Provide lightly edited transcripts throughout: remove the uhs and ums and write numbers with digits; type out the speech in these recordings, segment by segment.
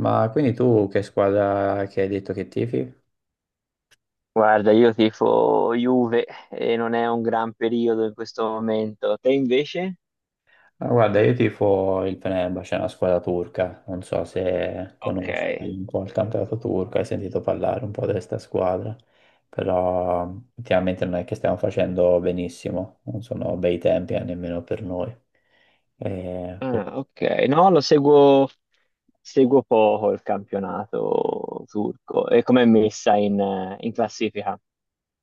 Ma quindi tu che squadra che hai detto che tifi? Guarda, io tifo Juve e non è un gran periodo in questo momento. Te invece? Ah, guarda, io tifo il Fenerbahce, è una squadra turca, non so se Ok, conosci un po' il campionato turco, hai sentito parlare un po' di questa squadra, però ultimamente non è che stiamo facendo benissimo, non sono bei tempi nemmeno per noi. Eh, ah, ok. No, lo seguo, seguo poco il campionato turco e com'è messa in classifica.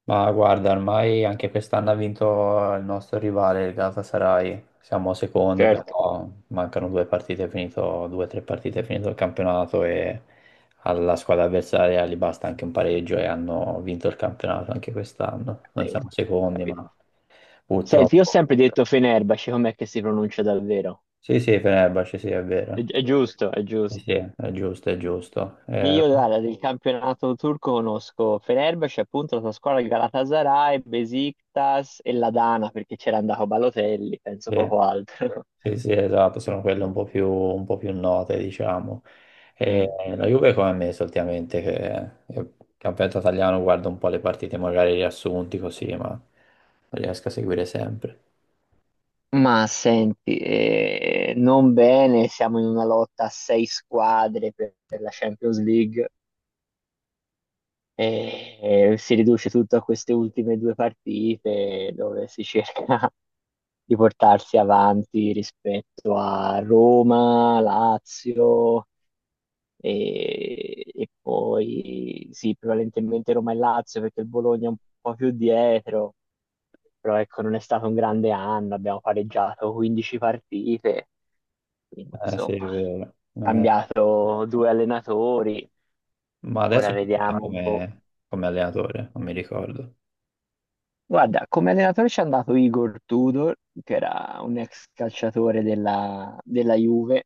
Ma guarda, ormai anche quest'anno ha vinto il nostro rivale, il Galatasaray. Siamo secondi, Certo, però mancano due partite, è finito, due o tre partite, è finito il campionato e alla squadra avversaria gli basta anche un pareggio e hanno vinto il campionato anche quest'anno. Noi capito, siamo secondi, capito. ma Senti, io ho purtroppo. sempre detto Fenerbahce, com'è che si pronuncia davvero? Sì, sì, Fenerbahce, sì, è È, vero. è giusto, è Sì, giusto. sì, è giusto, è giusto. Io guarda, del campionato turco conosco Fenerbahce, appunto la sua squadra il Galatasaray, Besiktas e la Dana, perché c'era andato Balotelli, penso Sì. poco altro. Sì, sì, esatto, sono quelle un po' più note, diciamo. E Mm. la Juve come me solitamente, che campionato italiano guardo un po' le partite, magari riassunti così, ma non riesco a seguire sempre. Ma senti, non bene, siamo in una lotta a sei squadre per la Champions League e, e si riduce tutto a queste ultime due partite dove si cerca di portarsi avanti rispetto a Roma, Lazio. E poi sì, prevalentemente Roma e Lazio perché il Bologna è un po' più dietro, però ecco, non è stato un grande anno, abbiamo pareggiato 15 partite, quindi Eh sì, è insomma, vero. Non è- cambiato due allenatori, Ma ora adesso chi c'è vediamo un po'. come allenatore? Non mi ricordo. Guarda, come allenatore ci è andato Igor Tudor, che era un ex calciatore della Juve,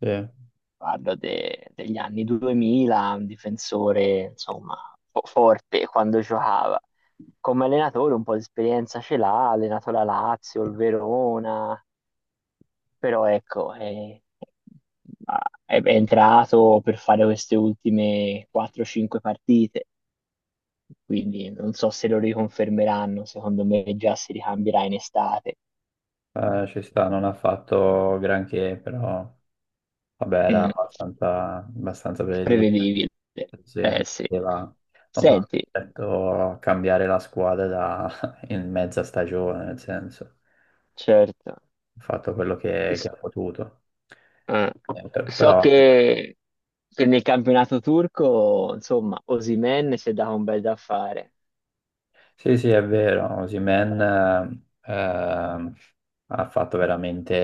Sì, parlo degli anni 2000, un difensore, insomma, forte quando giocava. Come allenatore un po' di esperienza ce l'ha, ha allenato la Lazio, il Verona, però ecco, è entrato per fare queste ultime 4-5 partite, quindi non so se lo riconfermeranno, secondo me già si ricambierà in estate. Ci sta, non ha fatto granché, però vabbè, era Mm, abbastanza, abbastanza. prevedibile, Sì, non eh sì. poteva, non poteva Senti, certo cambiare la squadra in mezza stagione, nel senso, certo, ha fatto quello che S- ha potuto. eh, Eh, per- so Però che nel campionato turco, insomma, Osimhen si è dato un bel da fare. sì, sì, è vero, Osimhen ha fatto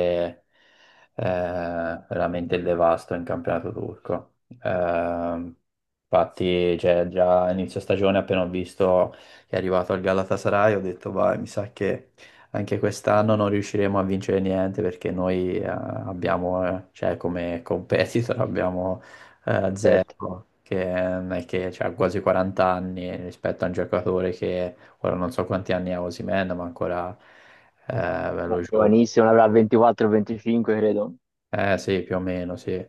eh, veramente il devasto in campionato turco. Ehm, Infatti, cioè, già a inizio stagione, appena ho visto che è arrivato al Galatasaray, ho detto, vai, mi sa che anche quest'anno non riusciremo a vincere niente perché noi abbiamo, cioè, come competitor abbiamo Certo, zero, che non è che cioè, ha quasi 40 anni rispetto a un giocatore che. Ora non so quanti anni ha Osimhen, ma ancora eh, Mm. bello no, giovane. giovanissimo, ne avrà 24-25, credo. Eh sì, più o meno, sì.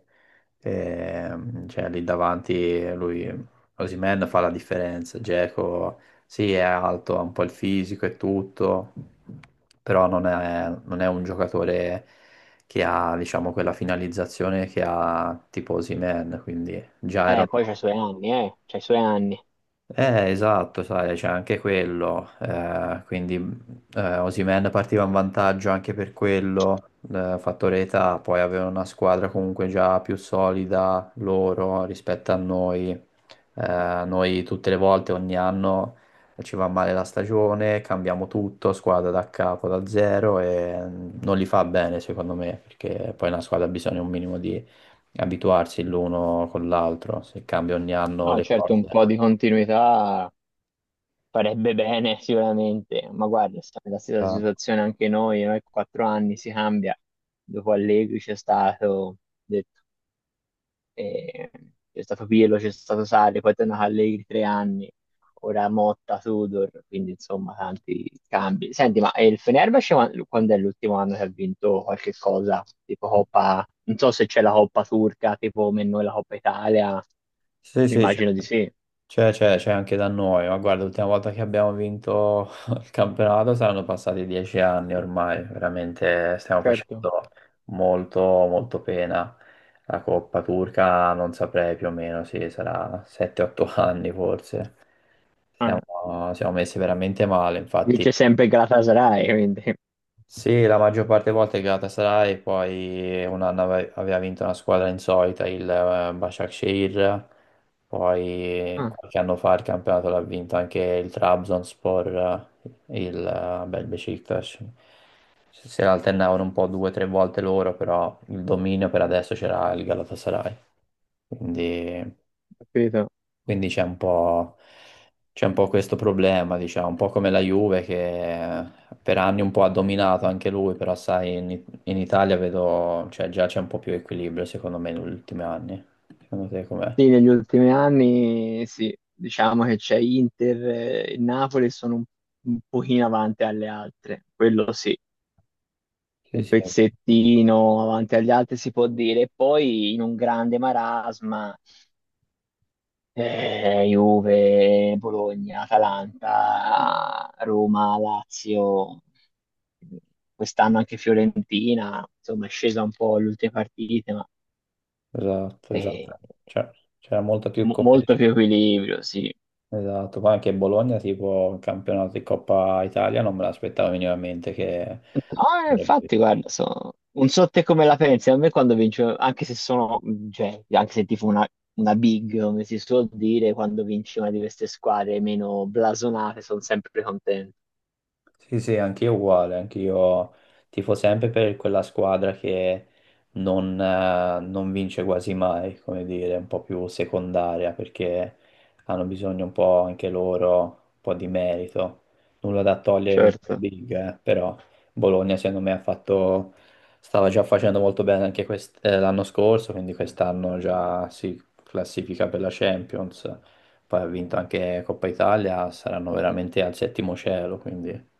Cioè lì davanti lui, Osimhen fa la differenza. Dzeko, sì, è alto, ha un po' il fisico e tutto, però non è un giocatore che ha, diciamo, quella finalizzazione che ha tipo Osimhen, quindi già erano. Poi c'ha i suoi anni, c'ha i suoi anni. Esatto, sai, c'è anche quello, quindi Osimhen partiva in vantaggio anche per quello, fattore età, poi aveva una squadra comunque già più solida loro rispetto a noi. Noi tutte le volte, ogni anno ci va male la stagione, cambiamo tutto, squadra da capo, da zero e non li fa bene secondo me, perché poi una squadra ha bisogno un minimo di abituarsi l'uno con l'altro, se cambia ogni anno No, le certo, un cose. po' di continuità farebbe bene sicuramente, ma guarda, siamo nella stessa Ah. situazione anche noi, 4 anni si cambia, dopo Allegri c'è stato, detto, e c'è stato Pirlo, c'è stato Sarri, poi è tornato Allegri 3 anni, ora Motta, Tudor, quindi insomma tanti cambi. Senti, ma il Fenerbahce quando è l'ultimo anno che ha vinto qualche cosa? Tipo Coppa, non so se c'è la Coppa turca, tipo come noi la Coppa Italia, Sì, mi sì, immagino c'è di sì. c'è- c'è- c'è anche da noi, ma guarda, l'ultima volta che abbiamo vinto il campionato saranno passati 10 anni ormai, veramente stiamo Certo, facendo molto, molto pena. La Coppa Turca non saprei più o meno, sì, sarà 7-8 anni forse. ah, Siamo messi veramente male, infatti vince sempre il Galatasaray, quindi... sì, la maggior parte delle volte è Galatasaray, e poi un anno aveva vinto una squadra insolita, il Başakşehir, poi Ah, qualche anno fa il campionato l'ha vinto anche il Trabzonspor, il Bel Beşiktaş. Si alternavano un po' due o tre volte loro, però il dominio per adesso c'era il Galatasaray, quindi. capito. Quindi c'è un po' questo problema, diciamo, un po' come la Juve che per anni un po' ha dominato anche lui, però sai, in Italia vedo, cioè già c'è un po' più equilibrio secondo me negli ultimi anni. Secondo te com'è? Sì, negli ultimi anni sì, diciamo che c'è Inter e Napoli sono un, pochino avanti alle altre, quello sì, Sì, un sì, pezzettino avanti agli altri si può dire, e poi in un grande marasma Juve, Bologna, Atalanta, Roma, Lazio, quest'anno anche Fiorentina, insomma è scesa un po' le ultime partite, ma esatto, eh, esatto. Cioè, c'era molta più molto competizione. più equilibrio, sì. Esatto, poi anche Bologna, tipo il campionato di Coppa Italia, non me l'aspettavo minimamente che. Ah, infatti, guarda, non so te come la pensi, a me quando vince, anche se sono, cioè, anche se tipo una big, come si suol dire, quando vince una di queste squadre meno blasonate, sono sempre contento. Sì, sì, anch'io uguale, anch'io tifo sempre per quella squadra che non vince quasi mai, come dire, un po' più secondaria, perché hanno bisogno un po' anche loro, un po' di merito. Nulla da togliere ai Certo. Big, però Bologna secondo me stava già facendo molto bene anche l'anno scorso, quindi quest'anno già si classifica per la Champions. Poi ha vinto anche Coppa Italia, saranno veramente al settimo cielo, quindi,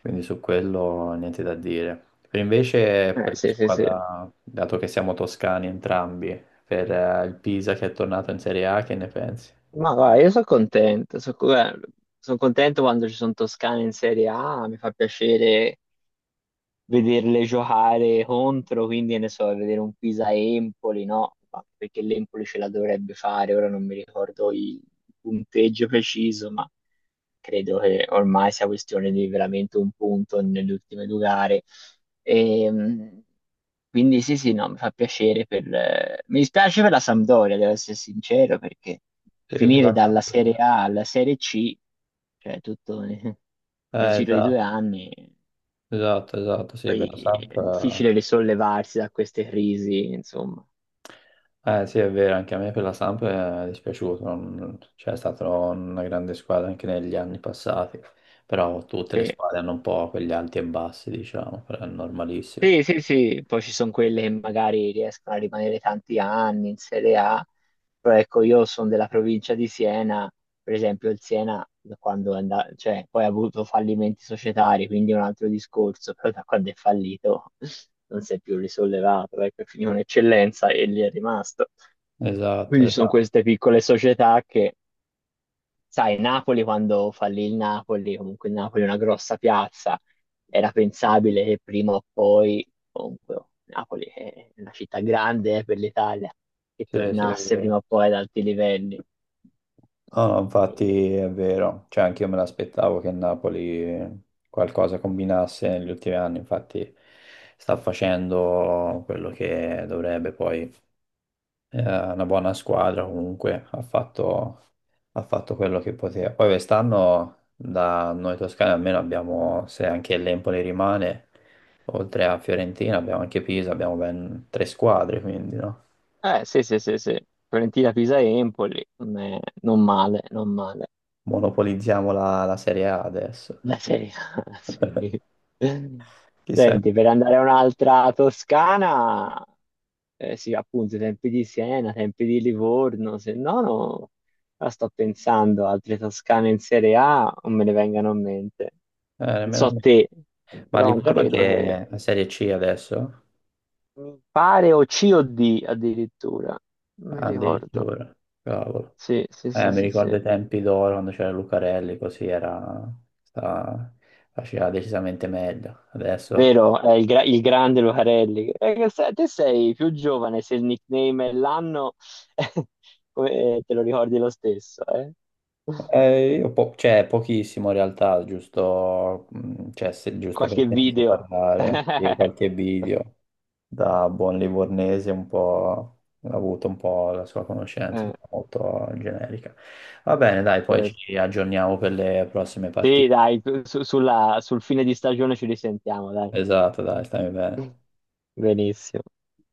quindi su quello niente da dire. Per invece per la Sì, sì, sì. squadra, dato che siamo toscani entrambi, per il Pisa che è tornato in Serie A, che ne pensi? Ma guarda, io sono contento quando ci sono Toscane in Serie A, mi fa piacere vederle giocare contro, quindi che ne so, vedere un Pisa-Empoli, no? Ma perché l'Empoli ce la dovrebbe fare, ora non mi ricordo il punteggio preciso, ma credo che ormai sia questione di veramente un punto nelle ultime due gare. Ehm, quindi sì, sì, no, mi fa piacere. Mi dispiace per la Sampdoria, devo essere sincero, perché Sì, per finire la dalla Serie Samp. A alla Serie C, cioè tutto nel giro di due Esatto, anni, esatto, esatto, sì, poi per la Samp. è difficile risollevarsi da queste crisi, insomma. Eh sì, è vero, anche a me per la Samp è dispiaciuto, cioè è stata una grande squadra anche negli anni passati, però tutte le Sì, squadre hanno un po' quegli alti e bassi, diciamo, però è normalissimo. sì, sì, sì. Poi ci sono quelle che magari riescono a rimanere tanti anni in Serie A, però ecco, io sono della provincia di Siena, per esempio il Siena, da quando è andato, cioè, poi ha avuto fallimenti societari, quindi è un altro discorso, però da quando è fallito non si è più risollevato, ecco, è finito un'eccellenza e lì è rimasto. Esatto, Quindi ci sono esatto, queste piccole società che sai, Napoli quando fallì il Napoli, comunque il Napoli è una grossa piazza, era pensabile che prima o poi, comunque oh, Napoli è una città grande per l'Italia, che sì, sì, è tornasse vero. prima o poi ad alti livelli. No, no, E- infatti è vero, cioè anche io me l'aspettavo che il Napoli qualcosa combinasse negli ultimi anni, infatti sta facendo quello che dovrebbe poi. È una buona squadra comunque, ha fatto quello che poteva. Poi quest'anno da noi toscani almeno abbiamo, se anche l'Empoli rimane, oltre a Fiorentina abbiamo anche Pisa, abbiamo ben tre squadre, quindi no? Sì, sì, sì, sì. Fiorentina, Pisa e Empoli. Mm, non male, non male. Monopolizziamo la Serie A adesso. La Serie A, sì. Chissà, Senti, eh, per andare a un'altra Toscana, eh sì, appunto, i tempi di Siena, i tempi di Livorno, se no, no, ora sto pensando, altre Toscane in Serie A non me ne vengano a mente. Non Nemmeno a so me. te, Ma però non Livorno credo che che... è la Serie C adesso? Mi pare o C o D addirittura, non mi Ah, ricordo. addirittura, cavolo. Sì, sì, sì, Mi sì, sì. ricordo i tempi d'oro quando c'era Lucarelli, così era, sta- faceva decisamente meglio. Adesso Vero, è il grande Lucarelli. Che te sei più giovane, se il nickname è l'anno, te lo ricordi lo stesso, eh? Io cioè, pochissimo in realtà, giusto, cioè, giusto per Qualche sentito video. parlare di qualche video da buon livornese, un po' ha avuto un po' la sua conoscenza, Eh, però molto generica. Va bene, dai, poi certo. ci aggiorniamo per le prossime Sì, partite. dai, sul fine di stagione ci risentiamo, dai. Esatto, dai, stai bene. Benissimo.